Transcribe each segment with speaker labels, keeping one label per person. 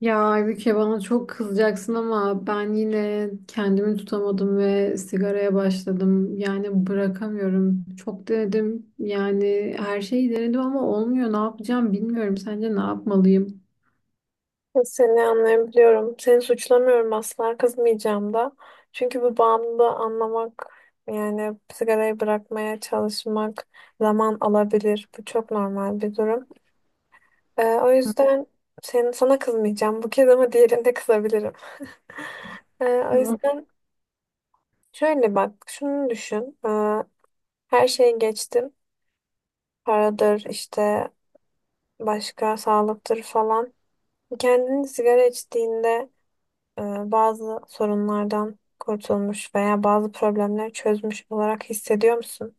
Speaker 1: Ya Aybüke, bana çok kızacaksın ama ben yine kendimi tutamadım ve sigaraya başladım. Yani bırakamıyorum. Çok denedim. Yani her şeyi denedim ama olmuyor. Ne yapacağım bilmiyorum. Sence ne yapmalıyım?
Speaker 2: Seni anlayabiliyorum. Seni suçlamıyorum, asla kızmayacağım da. Çünkü bu bağımlılığı anlamak, yani sigarayı bırakmaya çalışmak zaman alabilir. Bu çok normal bir durum. O yüzden sana kızmayacağım. Bu kez ama diğerinde kızabilirim. O
Speaker 1: Hı.
Speaker 2: yüzden şöyle bak, şunu düşün. Her şeyi geçtim. Paradır işte, başka sağlıktır falan. Kendini sigara içtiğinde e, bazı sorunlardan kurtulmuş veya bazı problemleri çözmüş olarak hissediyor musun?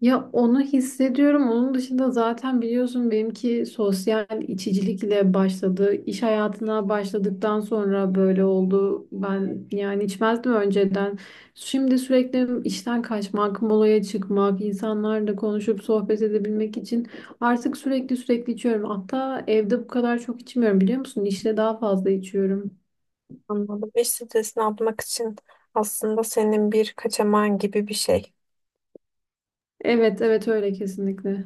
Speaker 1: Ya onu hissediyorum. Onun dışında zaten biliyorsun, benimki sosyal içicilikle başladı. İş hayatına başladıktan sonra böyle oldu. Ben yani içmezdim önceden. Şimdi sürekli işten kaçmak, molaya çıkmak, insanlarla konuşup sohbet edebilmek için artık sürekli içiyorum. Hatta evde bu kadar çok içmiyorum, biliyor musun? İşte daha fazla içiyorum.
Speaker 2: Anladım. İş stresini atmak için aslında senin bir kaçamağın gibi bir şey.
Speaker 1: Evet, evet, öyle kesinlikle.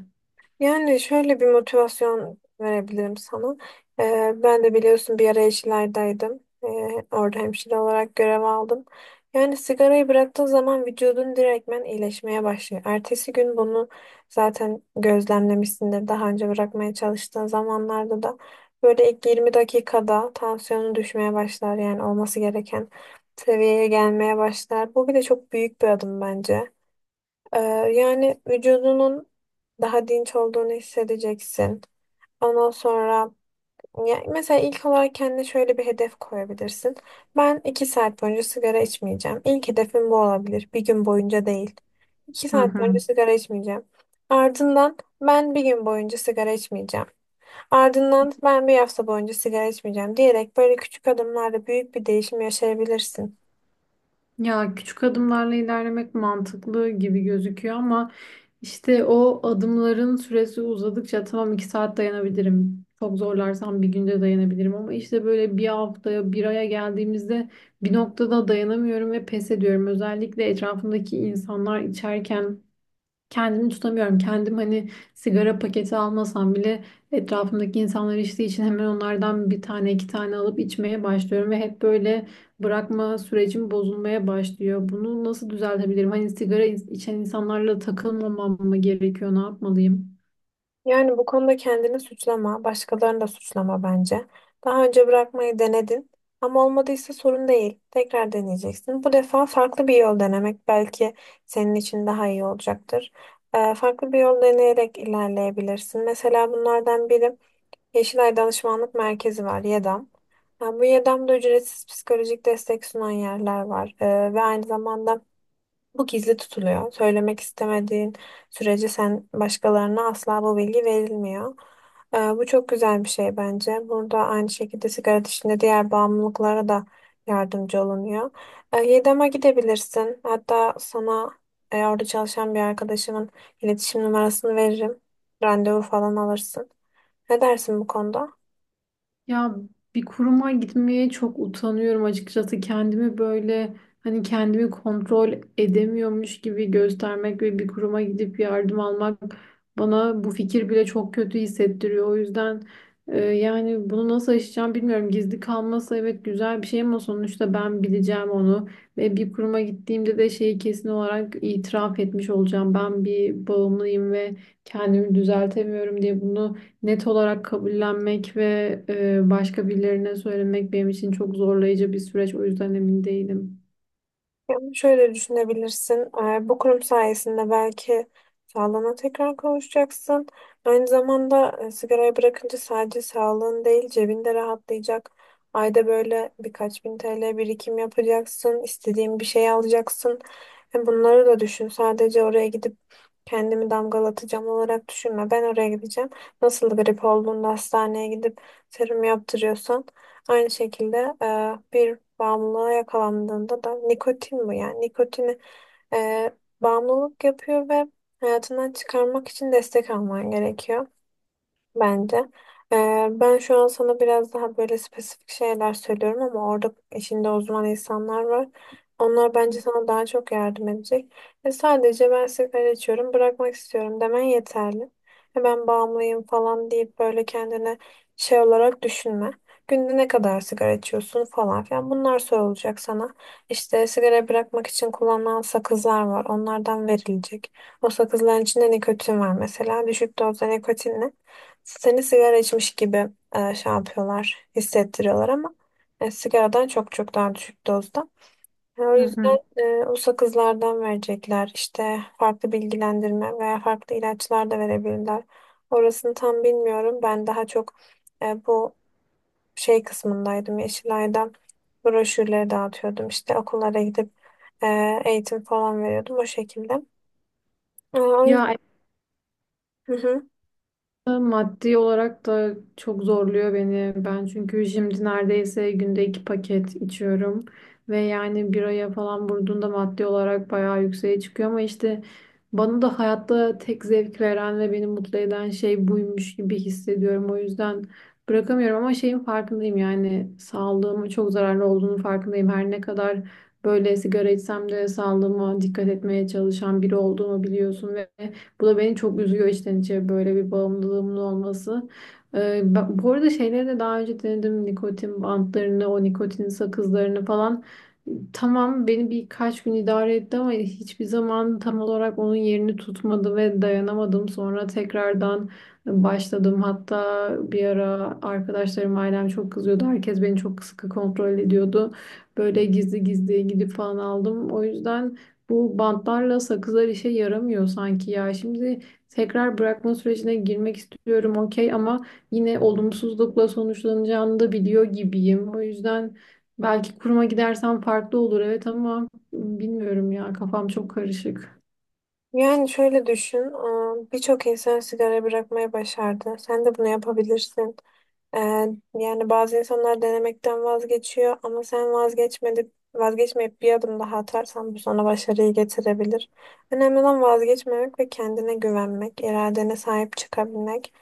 Speaker 2: Yani şöyle bir motivasyon verebilirim sana. Ben de biliyorsun bir ara Yeşilay'daydım. Orada hemşire olarak görev aldım. Yani sigarayı bıraktığın zaman vücudun direktmen iyileşmeye başlıyor. Ertesi gün bunu zaten gözlemlemişsindir. Daha önce bırakmaya çalıştığın zamanlarda da böyle ilk 20 dakikada tansiyonun düşmeye başlar. Yani olması gereken seviyeye gelmeye başlar. Bu bile çok büyük bir adım bence. Ee, Yani vücudunun daha dinç olduğunu hissedeceksin. Ondan sonra ya mesela ilk olarak kendine şöyle bir hedef koyabilirsin. Ben iki saat boyunca sigara içmeyeceğim. İlk hedefim bu olabilir. Bir gün boyunca değil. İki
Speaker 1: Hı
Speaker 2: saat
Speaker 1: hı.
Speaker 2: boyunca sigara içmeyeceğim. Ardından ben bir gün boyunca sigara içmeyeceğim. Ardından ben bir hafta boyunca sigara içmeyeceğim diyerek böyle küçük adımlarla büyük bir değişim yaşayabilirsin.
Speaker 1: Ya küçük adımlarla ilerlemek mantıklı gibi gözüküyor ama İşte o adımların süresi uzadıkça, tamam iki saat dayanabilirim, çok zorlarsam bir günde dayanabilirim, ama işte böyle bir haftaya, bir aya geldiğimizde bir noktada dayanamıyorum ve pes ediyorum. Özellikle etrafımdaki insanlar içerken kendimi tutamıyorum. Kendim hani sigara paketi almasam bile etrafımdaki insanlar içtiği için hemen onlardan bir tane iki tane alıp içmeye başlıyorum ve hep böyle bırakma sürecim bozulmaya başlıyor. Bunu nasıl düzeltebilirim? Hani sigara içen insanlarla takılmamam mı gerekiyor? Ne yapmalıyım?
Speaker 2: Yani bu konuda kendini suçlama, başkalarını da suçlama bence. Daha önce bırakmayı denedin ama olmadıysa sorun değil. Tekrar deneyeceksin. Bu defa farklı bir yol denemek belki senin için daha iyi olacaktır. Farklı bir yol deneyerek ilerleyebilirsin. Mesela bunlardan biri Yeşilay Danışmanlık Merkezi var, YEDAM. Ha, bu YEDAM'da ücretsiz psikolojik destek sunan yerler var. Ve aynı zamanda bu gizli tutuluyor. Söylemek istemediğin sürece sen, başkalarına asla bu bilgi verilmiyor. Bu çok güzel bir şey bence. Burada aynı şekilde sigara dışında diğer bağımlılıklara da yardımcı olunuyor. Yedem'e gidebilirsin. Hatta sana orada çalışan bir arkadaşımın iletişim numarasını veririm. Randevu falan alırsın. Ne dersin bu konuda?
Speaker 1: Ya bir kuruma gitmeye çok utanıyorum açıkçası. Kendimi böyle, hani kendimi kontrol edemiyormuş gibi göstermek ve bir kuruma gidip yardım almak, bana bu fikir bile çok kötü hissettiriyor. O yüzden yani bunu nasıl aşacağım bilmiyorum. Gizli kalması, evet, güzel bir şey ama sonuçta ben bileceğim onu ve bir kuruma gittiğimde de şeyi kesin olarak itiraf etmiş olacağım. Ben bir bağımlıyım ve kendimi düzeltemiyorum diye bunu net olarak kabullenmek ve başka birilerine söylemek benim için çok zorlayıcı bir süreç. O yüzden emin değilim.
Speaker 2: Yani şöyle düşünebilirsin. Bu kurum sayesinde belki sağlığına tekrar kavuşacaksın. Aynı zamanda sigarayı bırakınca sadece sağlığın değil, cebinde rahatlayacak. Ayda böyle birkaç bin TL birikim yapacaksın, istediğin bir şey alacaksın. Hem bunları da düşün. Sadece oraya gidip kendimi damgalatacağım olarak düşünme. Ben oraya gideceğim. Nasıl grip olduğunda hastaneye gidip serum yaptırıyorsan, aynı şekilde bir bağımlılığa yakalandığında da nikotin, bu yani, nikotini e, bağımlılık yapıyor ve hayatından çıkarmak için destek alman gerekiyor bence. Ben şu an sana biraz daha böyle spesifik şeyler söylüyorum ama orada işinde uzman insanlar var. Onlar bence sana daha çok yardım edecek. Sadece ben sigara içiyorum, bırakmak istiyorum demen yeterli. Ben bağımlıyım falan deyip böyle kendine şey olarak düşünme. Günde ne kadar sigara içiyorsun falan filan, bunlar sorulacak sana. İşte sigara bırakmak için kullanılan sakızlar var. Onlardan verilecek. O sakızların içinde nikotin var mesela. Düşük dozda nikotinle. Seni sigara içmiş gibi şey yapıyorlar, hissettiriyorlar ama sigaradan çok çok daha düşük dozda. O
Speaker 1: Hı
Speaker 2: yüzden
Speaker 1: hı.
Speaker 2: o sakızlardan verecekler. İşte farklı bilgilendirme veya farklı ilaçlar da verebilirler. Orasını tam bilmiyorum. Ben daha çok bu şey kısmındaydım. Yeşilay'da broşürleri dağıtıyordum. İşte okullara gidip e, eğitim falan veriyordum o şekilde. O
Speaker 1: Ya
Speaker 2: yüzden... Hı hı.
Speaker 1: maddi olarak da çok zorluyor beni. Ben çünkü şimdi neredeyse günde iki paket içiyorum. Ve yani bir aya falan vurduğunda maddi olarak bayağı yükseğe çıkıyor. Ama işte bana da hayatta tek zevk veren ve beni mutlu eden şey buymuş gibi hissediyorum. O yüzden bırakamıyorum ama şeyin farkındayım, yani sağlığıma çok zararlı olduğunu farkındayım. Her ne kadar böyle sigara içsem de sağlığıma dikkat etmeye çalışan biri olduğumu biliyorsun ve bu da beni çok üzüyor, içten içe böyle bir bağımlılığımın olması. Bu arada şeyleri de daha önce denedim. Nikotin bantlarını, o nikotin sakızlarını falan. Tamam, beni birkaç gün idare etti ama hiçbir zaman tam olarak onun yerini tutmadı ve dayanamadım. Sonra tekrardan başladım. Hatta bir ara arkadaşlarım, ailem çok kızıyordu. Herkes beni çok sıkı kontrol ediyordu. Böyle gizli gizli gidip falan aldım. O yüzden bu bantlarla sakızlar işe yaramıyor sanki ya. Şimdi tekrar bırakma sürecine girmek istiyorum, okey, ama yine olumsuzlukla sonuçlanacağını da biliyor gibiyim. O yüzden belki kuruma gidersem farklı olur, evet, ama bilmiyorum ya, kafam çok karışık.
Speaker 2: Yani şöyle düşün, birçok insan sigara bırakmayı başardı. Sen de bunu yapabilirsin. Ee, Yani bazı insanlar denemekten vazgeçiyor ama sen vazgeçmeyip bir adım daha atarsan bu sana başarıyı getirebilir. Önemli olan vazgeçmemek ve kendine güvenmek, iradene sahip çıkabilmek.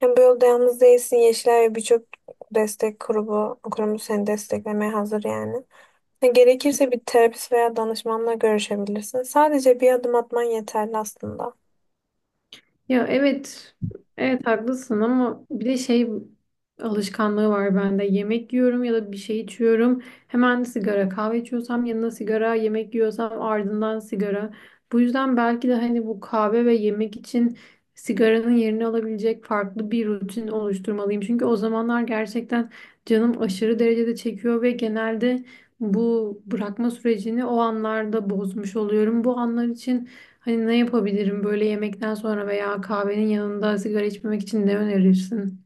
Speaker 2: Hem bu yolda yalnız değilsin. Yeşilay ve birçok destek grubu, kurumu seni desteklemeye hazır yani. Gerekirse bir terapist veya danışmanla görüşebilirsin. Sadece bir adım atman yeterli aslında.
Speaker 1: Ya evet, evet haklısın ama bir de şey alışkanlığı var bende. Yemek yiyorum ya da bir şey içiyorum. Hemen sigara, kahve içiyorsam yanına sigara, yemek yiyorsam ardından sigara. Bu yüzden belki de hani bu kahve ve yemek için sigaranın yerini alabilecek farklı bir rutin oluşturmalıyım. Çünkü o zamanlar gerçekten canım aşırı derecede çekiyor ve genelde bu bırakma sürecini o anlarda bozmuş oluyorum. Bu anlar için hani ne yapabilirim, böyle yemekten sonra veya kahvenin yanında sigara içmemek için ne önerirsin?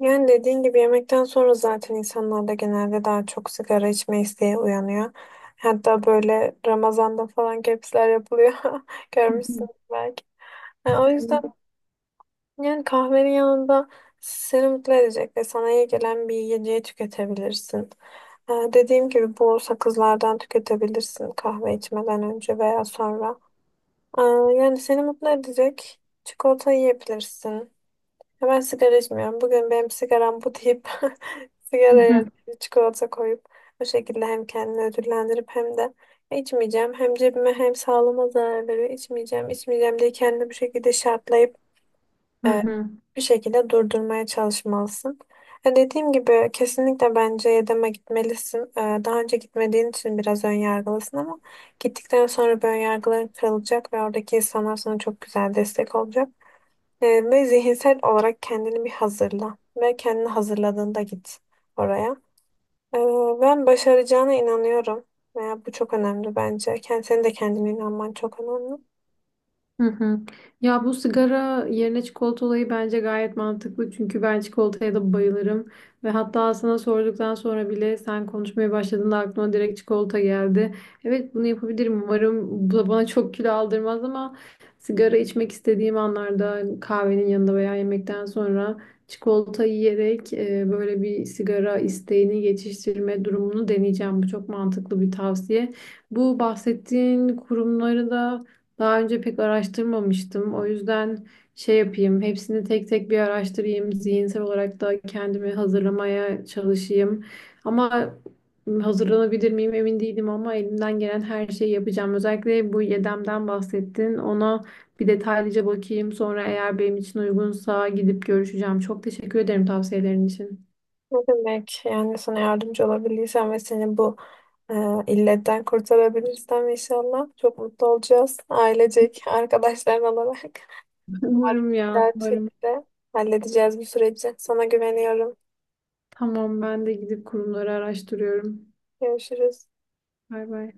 Speaker 2: Yani dediğin gibi yemekten sonra zaten insanlarda genelde daha çok sigara içme isteği uyanıyor. Hatta böyle Ramazan'da falan kepsler yapılıyor.
Speaker 1: Hı
Speaker 2: Görmüşsün
Speaker 1: hı.
Speaker 2: belki. Yani o yüzden, yani kahvenin yanında seni mutlu edecek ve sana iyi gelen bir yiyeceği tüketebilirsin. Dediğim gibi bu sakızlardan tüketebilirsin kahve içmeden önce veya sonra. Yani seni mutlu edecek, çikolata yiyebilirsin. Ya, ben sigara içmiyorum. Bugün benim sigaram bu deyip sigaraya çikolata koyup o şekilde hem kendini ödüllendirip hem de içmeyeceğim. Hem cebime hem sağlığıma zarar veriyor. İçmeyeceğim, içmeyeceğim diye kendini bu şekilde şartlayıp
Speaker 1: Hı
Speaker 2: e,
Speaker 1: hı hı. Hı.
Speaker 2: bir şekilde durdurmaya çalışmalısın. Dediğim gibi kesinlikle bence Yedem'e gitmelisin. Daha önce gitmediğin için biraz ön yargılısın ama gittikten sonra bu ön yargıların kırılacak ve oradaki insanlar sana çok güzel destek olacak. Ve zihinsel olarak kendini bir hazırla ve kendini hazırladığında git oraya. E, Ben başaracağına inanıyorum. Veya bu çok önemli bence. Senin de kendine inanman çok önemli.
Speaker 1: Hı hı. Ya bu sigara yerine çikolata olayı bence gayet mantıklı. Çünkü ben çikolataya da bayılırım. Ve hatta sana sorduktan sonra bile, sen konuşmaya başladığında aklıma direkt çikolata geldi. Evet, bunu yapabilirim. Umarım bu da bana çok kilo aldırmaz ama sigara içmek istediğim anlarda kahvenin yanında veya yemekten sonra çikolata yiyerek böyle bir sigara isteğini geçiştirme durumunu deneyeceğim. Bu çok mantıklı bir tavsiye. Bu bahsettiğin kurumları da daha önce pek araştırmamıştım. O yüzden şey yapayım, hepsini tek tek bir araştırayım. Zihinsel olarak da kendimi hazırlamaya çalışayım. Ama hazırlanabilir miyim emin değilim, ama elimden gelen her şeyi yapacağım. Özellikle bu Yedem'den bahsettin. Ona bir detaylıca bakayım. Sonra eğer benim için uygunsa gidip görüşeceğim. Çok teşekkür ederim tavsiyelerin için.
Speaker 2: Ne demek? Yani sana yardımcı olabilirsem ve seni bu e, illetten kurtarabilirsem inşallah çok mutlu olacağız. Ailecek, arkadaşlar olarak. Umarım
Speaker 1: Umarım ya,
Speaker 2: güzel bir
Speaker 1: umarım.
Speaker 2: şekilde halledeceğiz bu süreci. Sana güveniyorum.
Speaker 1: Tamam, ben de gidip kurumları araştırıyorum.
Speaker 2: Görüşürüz.
Speaker 1: Bay bay.